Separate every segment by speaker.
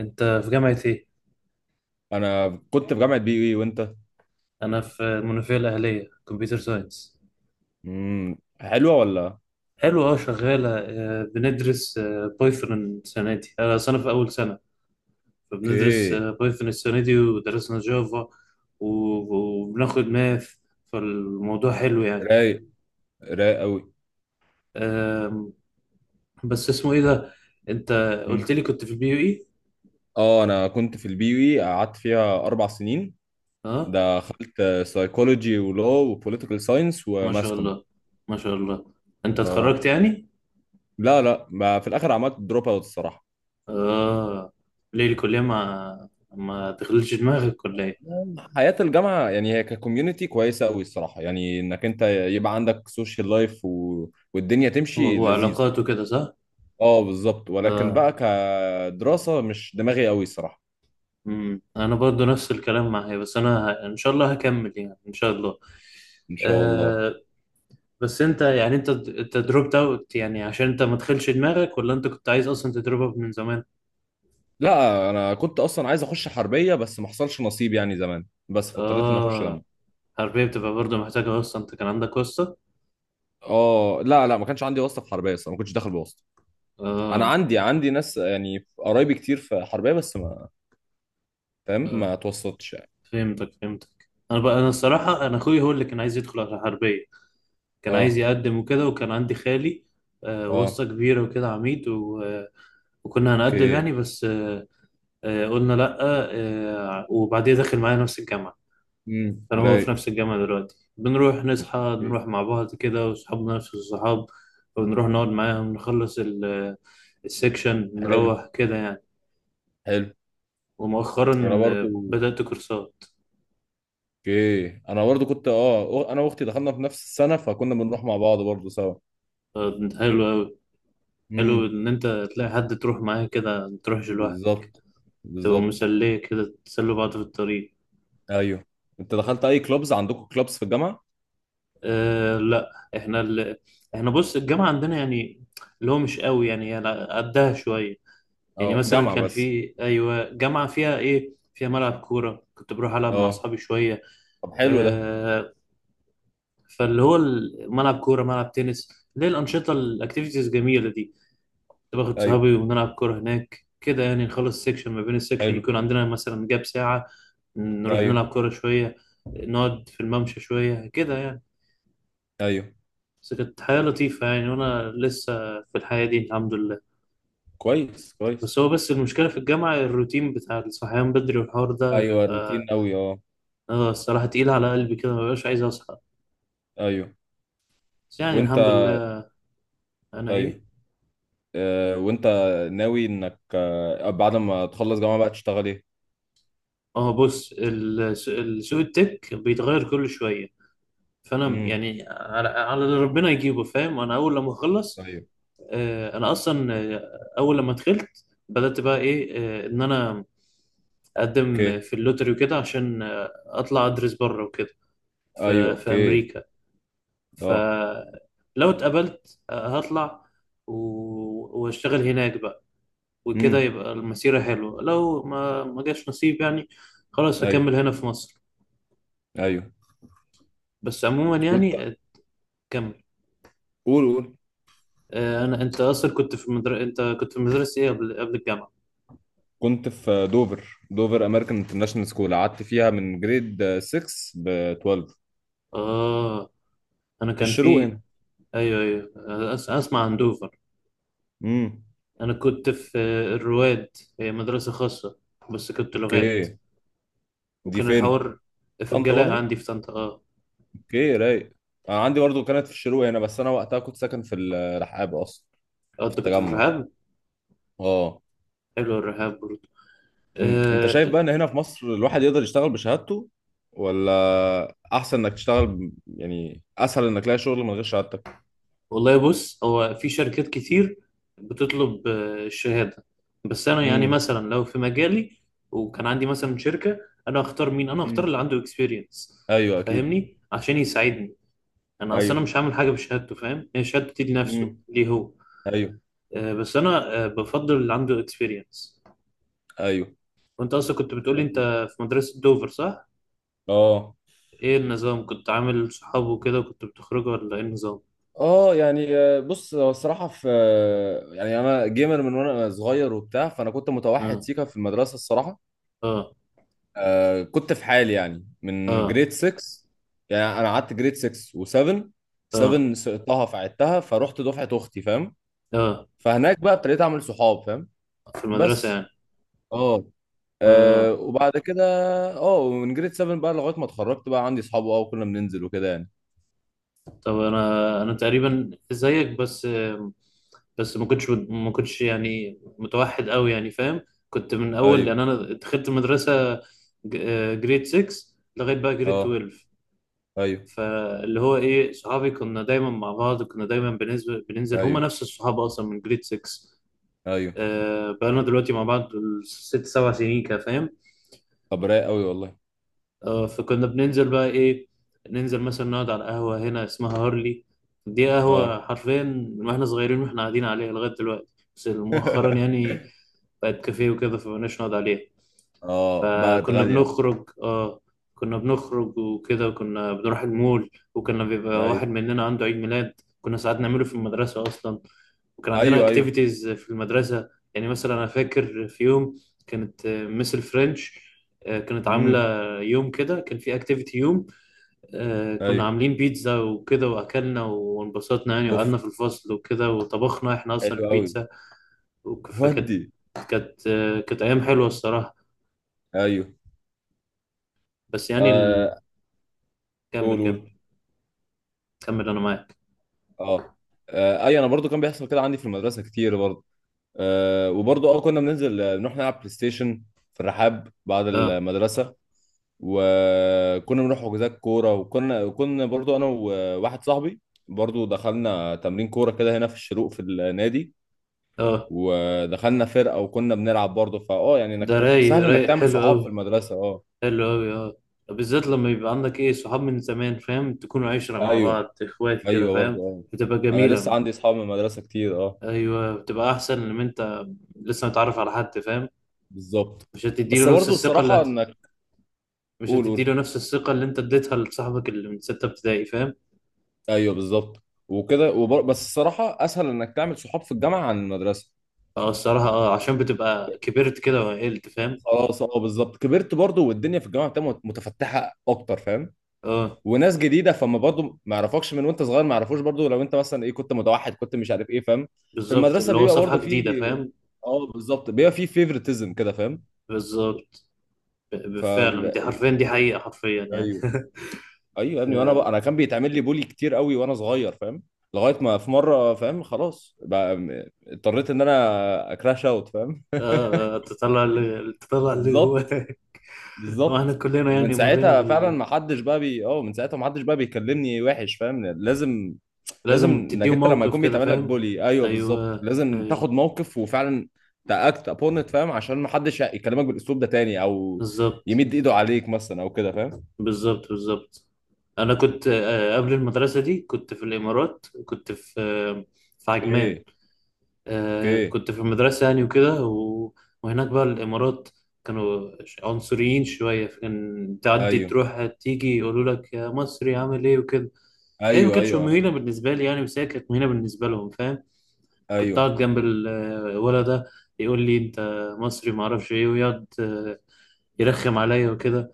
Speaker 1: انت في جامعة ايه؟
Speaker 2: انا كنت في جامعه بي اي وانت.
Speaker 1: انا في المنوفية الاهلية كمبيوتر ساينس.
Speaker 2: حلوه ولا؟
Speaker 1: حلو اه، شغالة. بندرس بايثون السنة دي. انا سنة، في اول سنة، فبندرس
Speaker 2: اوكي.
Speaker 1: بايثون السنة دي ودرسنا جافا، وبناخد ماث. فالموضوع حلو يعني.
Speaker 2: رايق رايق قوي.
Speaker 1: آم، بس اسمه ايه ده؟ انت قلت
Speaker 2: امم
Speaker 1: لي كنت في البي يو اي؟
Speaker 2: اه انا كنت في البي اي قعدت فيها 4 سنين.
Speaker 1: اه،
Speaker 2: دخلت سايكولوجي ولو وبوليتيكال ساينس
Speaker 1: ما شاء
Speaker 2: وماسكوم.
Speaker 1: الله، ما شاء الله. انت
Speaker 2: اه
Speaker 1: اتخرجت يعني؟
Speaker 2: لا لا، ما في الاخر عملت دروب اوت الصراحه.
Speaker 1: اه. ليه الكلية ما تخليش دماغك ولا ايه؟
Speaker 2: حياة الجامعة يعني هي ككوميونتي كويسة أوي الصراحة، يعني إنك أنت يبقى عندك سوشيال لايف والدنيا تمشي لذيذ.
Speaker 1: وعلاقاته كده صح؟
Speaker 2: أه بالظبط، ولكن
Speaker 1: اه.
Speaker 2: بقى كدراسة مش دماغي أوي الصراحة.
Speaker 1: امم، انا برضو نفس الكلام معايا، بس انا ان شاء الله هكمل يعني ان شاء الله.
Speaker 2: ان شاء الله.
Speaker 1: آه. بس انت يعني انت دروبت اوت يعني عشان انت ما تدخلش دماغك، ولا انت كنت عايز اصلا تدروب اوت من زمان؟
Speaker 2: لا انا كنت اصلا عايز اخش حربيه، بس ما حصلش نصيب يعني زمان بس فاضطريت اني اخش
Speaker 1: اه.
Speaker 2: جامعه.
Speaker 1: حربية بتبقى برضو محتاجة واسطة، انت كان عندك واسطة؟
Speaker 2: اه لا لا، ما كانش عندي واسطه في حربيه اصلا، ما كنتش داخل بواسطه. انا
Speaker 1: اه،
Speaker 2: عندي ناس يعني قرايبي كتير في حربيه، بس ما فاهم
Speaker 1: اه،
Speaker 2: ما توسطتش يعني.
Speaker 1: فهمتك فهمتك. انا بقى، انا الصراحة انا اخوي هو اللي كان عايز يدخل على الحربية، كان عايز
Speaker 2: اه
Speaker 1: يقدم وكده، وكان عندي خالي آه واسطة
Speaker 2: اه.
Speaker 1: كبيرة وكده، عميد و... آه، وكنا هنقدم
Speaker 2: اوكي.
Speaker 1: يعني، بس قلنا لأ. وبعديها داخل معايا نفس الجامعة. كان هو في
Speaker 2: رايق.
Speaker 1: نفس الجامعة دلوقتي، بنروح نصحى
Speaker 2: اوكي.
Speaker 1: نروح مع بعض كده، وصحابنا نفس الصحاب، ونروح نقعد معاهم نخلص السكشن
Speaker 2: حلو
Speaker 1: نروح كده يعني.
Speaker 2: حلو. انا
Speaker 1: ومؤخرا
Speaker 2: برضو.
Speaker 1: بدأت كورسات.
Speaker 2: اوكي انا برضو كنت انا واختي دخلنا في نفس السنه، فكنا بنروح مع بعض برضو سوا.
Speaker 1: حلو أوي. حلو
Speaker 2: امم.
Speaker 1: إن أنت تلاقي حد تروح معاه كده، متروحش لوحدك،
Speaker 2: بالظبط
Speaker 1: تبقى
Speaker 2: بالظبط.
Speaker 1: مسلية كده، تسلوا بعض في الطريق.
Speaker 2: ايوه. انت دخلت اي كلوبز؟ عندكم كلوبز في الجامعه؟
Speaker 1: أه لأ إحنا ال... إحنا بص، الجامعة عندنا يعني اللي هو مش قوي يعني، يعني قدها شوية. يعني
Speaker 2: اه
Speaker 1: مثلا
Speaker 2: جامعه
Speaker 1: كان
Speaker 2: بس.
Speaker 1: في، ايوه، جامعه فيها ايه، فيها ملعب كوره، كنت بروح العب مع
Speaker 2: اه
Speaker 1: اصحابي شويه.
Speaker 2: طب حلو ده.
Speaker 1: آه فاللي هو ملعب كوره، ملعب تنس، ليه الانشطه الاكتيفيتيز الجميله دي. كنت باخد
Speaker 2: ايوه
Speaker 1: صحابي وبنلعب كوره هناك كده يعني، نخلص سيكشن، ما بين السيكشن
Speaker 2: حلو.
Speaker 1: يكون عندنا مثلا جاب ساعه، نروح
Speaker 2: ايوه
Speaker 1: نلعب كوره شويه، نقعد في الممشى شويه كده يعني.
Speaker 2: ايوه.
Speaker 1: بس كانت حياة لطيفة يعني، وأنا لسه في الحياة دي الحمد لله.
Speaker 2: كويس كويس.
Speaker 1: بس هو بس المشكلة في الجامعة الروتين بتاع الصحيان بدري والحوار ده
Speaker 2: ايوه روتين
Speaker 1: بيبقى،
Speaker 2: قوي اه.
Speaker 1: اه الصراحة تقيلة على قلبي كده، مبقاش عايز أصحى.
Speaker 2: ايوه،
Speaker 1: بس يعني
Speaker 2: وانت؟
Speaker 1: الحمد لله. أنا إيه؟
Speaker 2: ايوه. آه، وانت؟ ناوي انك بعد ما تخلص جامعه بقى تشتغل ايه؟
Speaker 1: اه بص، سوق التك بيتغير كل شوية، فأنا
Speaker 2: امم.
Speaker 1: يعني على اللي ربنا يجيبه، فاهم؟ أنا أول لما أخلص،
Speaker 2: ايوه
Speaker 1: أنا أصلا أول لما دخلت بدأت بقى إيه، إن أنا أقدم
Speaker 2: اوكي.
Speaker 1: في اللوتري وكده، عشان أطلع أدرس بره وكده،
Speaker 2: ايوه
Speaker 1: في في
Speaker 2: اوكي.
Speaker 1: أمريكا.
Speaker 2: اه.
Speaker 1: فلو اتقبلت، هطلع وأشتغل هناك بقى، وكده
Speaker 2: امم.
Speaker 1: يبقى المسيرة حلوة. لو ما جاش نصيب يعني، خلاص هكمل
Speaker 2: ايوه
Speaker 1: هنا في مصر.
Speaker 2: ايوه.
Speaker 1: بس عموما
Speaker 2: وانت؟
Speaker 1: يعني كمل.
Speaker 2: قول قول.
Speaker 1: انا، انت اصلا كنت في انت كنت في مدرسة ايه قبل قبل الجامعة؟
Speaker 2: كنت في دوفر امريكان انترناشونال سكول، قعدت فيها من جريد 6 ب 12.
Speaker 1: اه، انا
Speaker 2: في
Speaker 1: كان
Speaker 2: الشروق
Speaker 1: في،
Speaker 2: هنا.
Speaker 1: ايوه ايوه، اسمع عن دوفر.
Speaker 2: امم
Speaker 1: انا كنت في الرواد، هي مدرسة خاصة، بس كنت لغات.
Speaker 2: اوكي. دي
Speaker 1: وكان
Speaker 2: فين؟
Speaker 1: الحوار في
Speaker 2: طنطا
Speaker 1: الجلاء
Speaker 2: برضو.
Speaker 1: عندي في طنطا، اه.
Speaker 2: اوكي رايق. انا عندي برضو كانت في الشروق هنا، بس انا وقتها كنت ساكن في الرحاب اصلا. في
Speaker 1: انت كنت في
Speaker 2: التجمع.
Speaker 1: الرحاب،
Speaker 2: اه.
Speaker 1: حلو الرحاب برضه.
Speaker 2: انت شايف
Speaker 1: آه،
Speaker 2: بقى ان هنا في مصر الواحد يقدر يشتغل بشهادته، ولا احسن انك تشتغل يعني اسهل انك تلاقي شغل من غير شهادتك؟
Speaker 1: والله بص، هو في شركات كتير بتطلب الشهادة، بس أنا يعني
Speaker 2: امم.
Speaker 1: مثلا لو في مجالي وكان عندي مثلا شركة، أنا هختار مين؟ أنا هختار
Speaker 2: امم.
Speaker 1: اللي عنده اكسبيرينس،
Speaker 2: ايوه اكيد.
Speaker 1: فاهمني؟ عشان يساعدني. أنا أصلا أنا
Speaker 2: ايوه.
Speaker 1: مش هعمل حاجة بشهادته، فاهم؟ هي شهادتي لنفسه،
Speaker 2: امم.
Speaker 1: ليه هو.
Speaker 2: ايوه.
Speaker 1: بس أنا بفضل اللي عنده اكسبيرينس.
Speaker 2: ايوه
Speaker 1: وأنت أصلا كنت بتقولي أنت
Speaker 2: اكيد.
Speaker 1: في مدرسة دوفر، صح؟
Speaker 2: اه
Speaker 1: إيه النظام؟ كنت عامل صحاب وكده، وكنت بتخرجوا، ولا إيه النظام؟
Speaker 2: اه يعني بص هو الصراحه في يعني انا جيمر من وانا صغير وبتاع، فانا كنت متوحد
Speaker 1: آه،
Speaker 2: سيكا في المدرسه الصراحه.
Speaker 1: آه،
Speaker 2: كنت في حالي يعني من
Speaker 1: آه،
Speaker 2: جريد 6. يعني انا قعدت جريد 6 و7.
Speaker 1: آه،
Speaker 2: 7 سقطتها فعدتها فروحت دفعه اختي فاهم.
Speaker 1: آه،
Speaker 2: فهناك بقى ابتديت اعمل صحاب فاهم.
Speaker 1: في المدرسة
Speaker 2: بس
Speaker 1: يعني.
Speaker 2: اه،
Speaker 1: آه.
Speaker 2: وبعد كده. اه ومن جريد 7 بقى لغايه ما اتخرجت بقى عندي صحاب اه، وكنا بننزل وكده يعني.
Speaker 1: طب انا، انا تقريبا زيك، بس بس ما كنتش يعني متوحد قوي يعني، فاهم؟ كنت من اول،
Speaker 2: ايوه
Speaker 1: لان انا دخلت مدرسه جريد 6 لغايه بقى جريد
Speaker 2: اه
Speaker 1: 12.
Speaker 2: ايوه
Speaker 1: فاللي هو ايه، صحابي كنا دايما مع بعض، كنا دايما بننزل هما
Speaker 2: ايوه
Speaker 1: نفس الصحاب اصلا من جريد 6.
Speaker 2: ايوه.
Speaker 1: بقالنا دلوقتي مع بعض ست سبع سنين كده، فاهم؟
Speaker 2: طب رايق قوي والله.
Speaker 1: فكنا بننزل بقى ايه، ننزل مثلا نقعد على قهوة هنا اسمها هارلي. دي قهوة
Speaker 2: اه
Speaker 1: حرفيا من واحنا صغيرين واحنا قاعدين عليها لغاية دلوقتي. بس مؤخرا يعني بقت كافيه وكده، فمبقناش نقعد عليها.
Speaker 2: اه بقت
Speaker 1: فكنا
Speaker 2: غالية.
Speaker 1: بنخرج، اه كنا بنخرج وكده، وكنا بنروح المول، وكنا بيبقى
Speaker 2: ايوه
Speaker 1: واحد مننا عنده عيد ميلاد، كنا ساعات نعمله في المدرسة أصلا. وكان عندنا
Speaker 2: ايوه ايوه.
Speaker 1: اكتيفيتيز في المدرسة. يعني مثلا أنا فاكر في يوم كانت مس الفرنش كانت عاملة
Speaker 2: امم.
Speaker 1: يوم كده، كان في اكتيفيتي يوم، كنا
Speaker 2: ايوه
Speaker 1: عاملين بيتزا وكده، وأكلنا وانبسطنا يعني،
Speaker 2: اوف
Speaker 1: وقعدنا في الفصل وكده، وطبخنا احنا أصلا
Speaker 2: حلو قوي.
Speaker 1: البيتزا. فكانت،
Speaker 2: ودي.
Speaker 1: كانت كانت أيام حلوة الصراحة.
Speaker 2: ايوه.
Speaker 1: بس يعني ال...
Speaker 2: آه
Speaker 1: كمل
Speaker 2: قول قول.
Speaker 1: كمل، كمل أنا معاك.
Speaker 2: اه ايوه انا برضو كان بيحصل كده عندي في المدرسة كتير برضو. وبرضو اه كنا بننزل نروح نلعب بلاي ستيشن في الرحاب بعد
Speaker 1: اه،
Speaker 2: المدرسة. وكنا بنروح حجوزات كورة، وكنا كنا برضو انا وواحد صاحبي. برضو دخلنا تمرين كورة كده هنا في الشروق في النادي.
Speaker 1: اه،
Speaker 2: ودخلنا فرقه وكنا بنلعب برضه، فاه يعني
Speaker 1: ده
Speaker 2: انك
Speaker 1: رايق
Speaker 2: سهل انك
Speaker 1: رايق،
Speaker 2: تعمل
Speaker 1: حلو
Speaker 2: صحاب في
Speaker 1: أوي،
Speaker 2: المدرسه اه.
Speaker 1: حلو أوي، أه. بالذات لما يبقى عندك إيه، صحاب من زمان، فاهم؟ تكونوا عشرة مع
Speaker 2: ايوه
Speaker 1: بعض، إخوات كده،
Speaker 2: ايوه برضه
Speaker 1: فاهم؟
Speaker 2: اه.
Speaker 1: بتبقى
Speaker 2: انا لسه
Speaker 1: جميلة.
Speaker 2: عندي اصحاب من المدرسه كتير اه.
Speaker 1: أيوه بتبقى أحسن لما أنت لسه متعرف على حد، فاهم؟
Speaker 2: بالظبط.
Speaker 1: مش
Speaker 2: بس
Speaker 1: هتديله نفس
Speaker 2: برضه
Speaker 1: الثقة اللي
Speaker 2: الصراحه
Speaker 1: هت...
Speaker 2: انك.
Speaker 1: مش
Speaker 2: قول
Speaker 1: هتديله
Speaker 2: قول.
Speaker 1: نفس الثقة اللي أنت اديتها لصاحبك اللي من ستة ابتدائي، فاهم؟
Speaker 2: ايوه بالظبط وكده بس الصراحه اسهل انك تعمل صحاب في الجامعه عن المدرسه.
Speaker 1: أه الصراحة أه، عشان بتبقى كبرت كده وعقلت، فاهم؟
Speaker 2: خلاص اه بالظبط كبرت برضه، والدنيا في الجامعه بتبقى متفتحه اكتر فاهم.
Speaker 1: أه
Speaker 2: وناس جديده فما برضه ما يعرفكش من وانت صغير، ما يعرفوش برضه لو انت مثلا ايه كنت متوحد كنت مش عارف ايه فاهم. في
Speaker 1: بالظبط،
Speaker 2: المدرسه
Speaker 1: اللي هو
Speaker 2: بيبقى
Speaker 1: صفحة
Speaker 2: برضه في.
Speaker 1: جديدة، فاهم؟
Speaker 2: اه بالظبط بيبقى في فيفرتزم كده فاهم.
Speaker 1: بالظبط.
Speaker 2: فال
Speaker 1: فعلا دي
Speaker 2: ال-
Speaker 1: حرفيا، دي حقيقة حرفيا يعني.
Speaker 2: ايوه ايوه يا
Speaker 1: ف...
Speaker 2: ابني، وانا بقى انا كان بيتعمل لي بولي كتير قوي وانا صغير فاهم. لغايه ما في مره فاهم خلاص بقى اضطريت ان انا اكراش اوت فاهم.
Speaker 1: آه، تطلع اللي
Speaker 2: بالظبط
Speaker 1: جواك. هو احنا
Speaker 2: بالظبط.
Speaker 1: كلنا
Speaker 2: ومن
Speaker 1: يعني مرينا
Speaker 2: ساعتها فعلا
Speaker 1: بال،
Speaker 2: ما حدش بقى بي اه من ساعتها ما حدش بقى بيكلمني وحش فاهم لازم. لازم
Speaker 1: لازم
Speaker 2: انك
Speaker 1: تديهم
Speaker 2: انت لما
Speaker 1: موقف
Speaker 2: يكون
Speaker 1: كده،
Speaker 2: بيتعمل لك
Speaker 1: فاهم؟
Speaker 2: بولي، ايوه بالظبط
Speaker 1: ايوه
Speaker 2: لازم
Speaker 1: ايوه،
Speaker 2: تاخد موقف وفعلا. تاكت ابون ات فاهم عشان ما حدش يكلمك بالاسلوب ده تاني، او.
Speaker 1: بالظبط،
Speaker 2: يمد ايده عليك مثلا او كده فاهم.
Speaker 1: بالظبط، بالظبط. انا كنت قبل المدرسه دي كنت في الامارات، كنت في في عجمان.
Speaker 2: اوكي اوكي
Speaker 1: كنت في المدرسه يعني وكده وهناك بقى الامارات كانوا عنصريين شويه، فكان تعدي
Speaker 2: ايوه
Speaker 1: تروح تيجي يقولوا لك يا مصري عامل ايه وكده. هي ما
Speaker 2: ايوه
Speaker 1: كانتش
Speaker 2: ايوه
Speaker 1: مهينه بالنسبه لي يعني، بس هي كانت مهينه بالنسبه لهم، فاهم؟ كنت
Speaker 2: ايوه
Speaker 1: قاعد جنب الولد ده يقول لي انت مصري ما اعرفش ايه، ويقعد يرخم عليا وكده.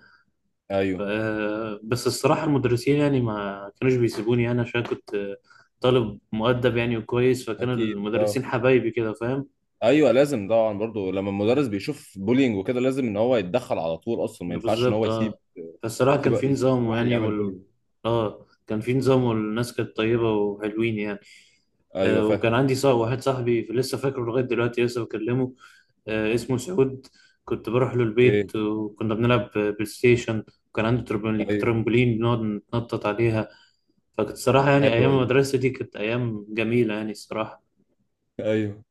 Speaker 2: ايوه
Speaker 1: بس الصراحة المدرسين يعني ما كانوش بيسيبوني، يعني عشان كنت طالب مؤدب يعني وكويس، فكان
Speaker 2: اكيد اه.
Speaker 1: المدرسين حبايبي كده، فاهم؟
Speaker 2: ايوه لازم طبعا برضو لما المدرس بيشوف بولينج وكده لازم ان هو يتدخل على طول اصلا، ما ينفعش ان
Speaker 1: بالظبط
Speaker 2: هو
Speaker 1: اه.
Speaker 2: يسيب.
Speaker 1: فالصراحة كان في
Speaker 2: يسيب
Speaker 1: نظام
Speaker 2: الواحد
Speaker 1: يعني
Speaker 2: يعمل بولينج.
Speaker 1: اه كان في نظام، والناس كانت طيبة وحلوين يعني.
Speaker 2: ايوه
Speaker 1: آه،
Speaker 2: فاهم.
Speaker 1: وكان عندي صاحب، واحد صاحبي لسه فاكره لغاية دلوقتي، لسه بكلمه، اسمه سعود. كنت بروح له
Speaker 2: اوكي
Speaker 1: البيت وكنا بنلعب بلاي ستيشن، وكان عنده ترامبولين،
Speaker 2: ايوه
Speaker 1: ترامبولين بنقعد نتنطط عليها. فكانت الصراحة يعني
Speaker 2: حلو
Speaker 1: أيام
Speaker 2: والله.
Speaker 1: المدرسة دي كانت أيام جميلة يعني الصراحة.
Speaker 2: ايوه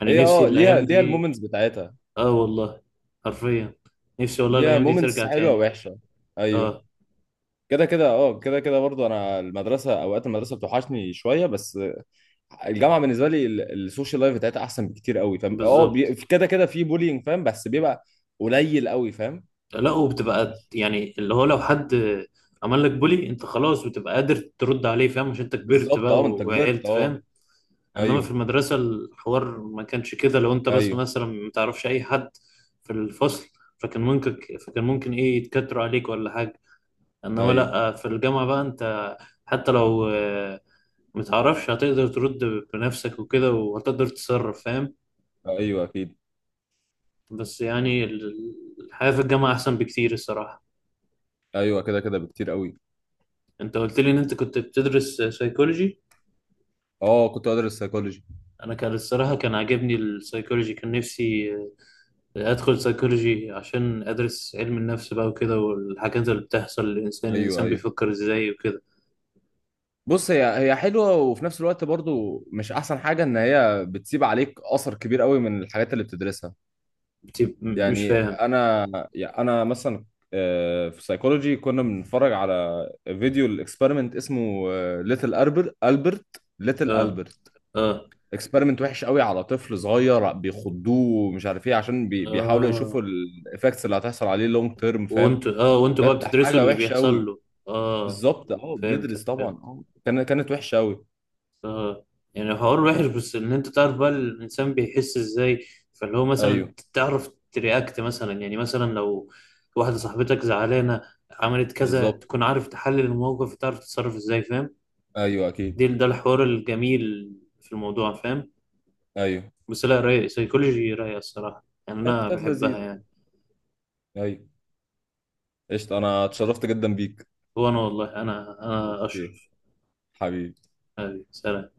Speaker 1: يعني
Speaker 2: هي
Speaker 1: نفسي
Speaker 2: اه ليها
Speaker 1: الأيام
Speaker 2: ليها
Speaker 1: دي.
Speaker 2: المومنتس بتاعتها.
Speaker 1: آه والله، حرفيا. نفسي والله
Speaker 2: ليها
Speaker 1: الأيام دي
Speaker 2: مومنتس
Speaker 1: ترجع
Speaker 2: حلوه
Speaker 1: تاني.
Speaker 2: ووحشه. ايوه
Speaker 1: آه.
Speaker 2: كده كده اه كده كده برضو انا المدرسه، اوقات المدرسه بتوحشني شويه بس. الجامعه بالنسبه لي السوشيال لايف بتاعتها احسن بكتير قوي فاهم اه،
Speaker 1: بالظبط.
Speaker 2: كده كده في بولينج فاهم بس بيبقى. قليل قوي فاهم.
Speaker 1: لا، وبتبقى
Speaker 2: مش-
Speaker 1: يعني اللي هو لو حد عمل لك بولي أنت خلاص بتبقى قادر ترد عليه، فاهم؟ مش أنت كبرت
Speaker 2: بالظبط
Speaker 1: بقى
Speaker 2: اه انت كبرت
Speaker 1: وعقلت،
Speaker 2: اه.
Speaker 1: فاهم؟ انما في
Speaker 2: ايوه
Speaker 1: المدرسه الحوار ما كانش كده، لو انت بس
Speaker 2: ايوه
Speaker 1: مثلا ما تعرفش اي حد في الفصل، فكان ممكن فكان ممكن ايه يتكتروا عليك ولا حاجه. انما
Speaker 2: ايوه
Speaker 1: لا، في الجامعه بقى انت حتى لو ما تعرفش هتقدر ترد بنفسك وكده، وهتقدر تتصرف، فاهم؟
Speaker 2: ايوه اكيد.
Speaker 1: بس يعني الحياه في الجامعه احسن بكتير الصراحه.
Speaker 2: ايوه كده كده بكتير قوي.
Speaker 1: انت قلت لي ان انت كنت بتدرس سايكولوجي.
Speaker 2: اه كنت ادرس سايكولوجي.
Speaker 1: انا كان الصراحه كان عاجبني السايكولوجي، كان نفسي ادخل سيكولوجي عشان ادرس علم النفس بقى وكده، والحاجات اللي بتحصل للانسان،
Speaker 2: ايوه
Speaker 1: الانسان
Speaker 2: ايوه
Speaker 1: بيفكر ازاي وكده.
Speaker 2: بص هي. هي حلوه وفي نفس الوقت برضو مش احسن حاجه ان هي بتسيب عليك اثر كبير قوي من الحاجات اللي بتدرسها.
Speaker 1: مش
Speaker 2: يعني
Speaker 1: فاهم.
Speaker 2: انا. يعني انا مثلا في سايكولوجي كنا بنتفرج على فيديو، الاكسبيرمنت اسمه. ليتل البرت البرت ليتل
Speaker 1: اه،
Speaker 2: البرت
Speaker 1: اه،
Speaker 2: اكسبيرمنت وحش قوي على طفل صغير بيخضوه ومش عارف ايه، عشان بيحاولوا
Speaker 1: اه.
Speaker 2: يشوفوا الايفكتس اللي هتحصل عليه لونج تيرم فاهم.
Speaker 1: وانتوا بقى
Speaker 2: بجد
Speaker 1: بتدرسوا
Speaker 2: حاجه
Speaker 1: اللي
Speaker 2: وحشه
Speaker 1: بيحصل
Speaker 2: قوي.
Speaker 1: له. اه،
Speaker 2: بالظبط اه بندرس
Speaker 1: فهمتك
Speaker 2: طبعا
Speaker 1: فهمت.
Speaker 2: اه كانت وحشه قوي.
Speaker 1: اه، يعني حوار وحش، بس ان انت تعرف بقى الانسان بيحس ازاي، فاللي هو
Speaker 2: ايوه
Speaker 1: مثلا تعرف ترياكت مثلا، يعني مثلا لو واحدة صاحبتك زعلانة عملت كذا،
Speaker 2: بالظبط.
Speaker 1: تكون عارف تحلل الموقف وتعرف تتصرف ازاي، فاهم؟
Speaker 2: ايوه
Speaker 1: دي
Speaker 2: اكيد.
Speaker 1: ده الحوار الجميل في الموضوع، فاهم؟
Speaker 2: ايوه
Speaker 1: بس لا رايق، سيكولوجي رايقة الصراحة يعني،
Speaker 2: كانت
Speaker 1: أنا
Speaker 2: كانت
Speaker 1: بحبها
Speaker 2: لذيذه.
Speaker 1: يعني.
Speaker 2: ايوه. قشطه انا اتشرفت جدا بيك.
Speaker 1: هو أنا والله أنا أنا
Speaker 2: اوكي
Speaker 1: أشرف.
Speaker 2: حبيبي.
Speaker 1: حبيبي، سلام.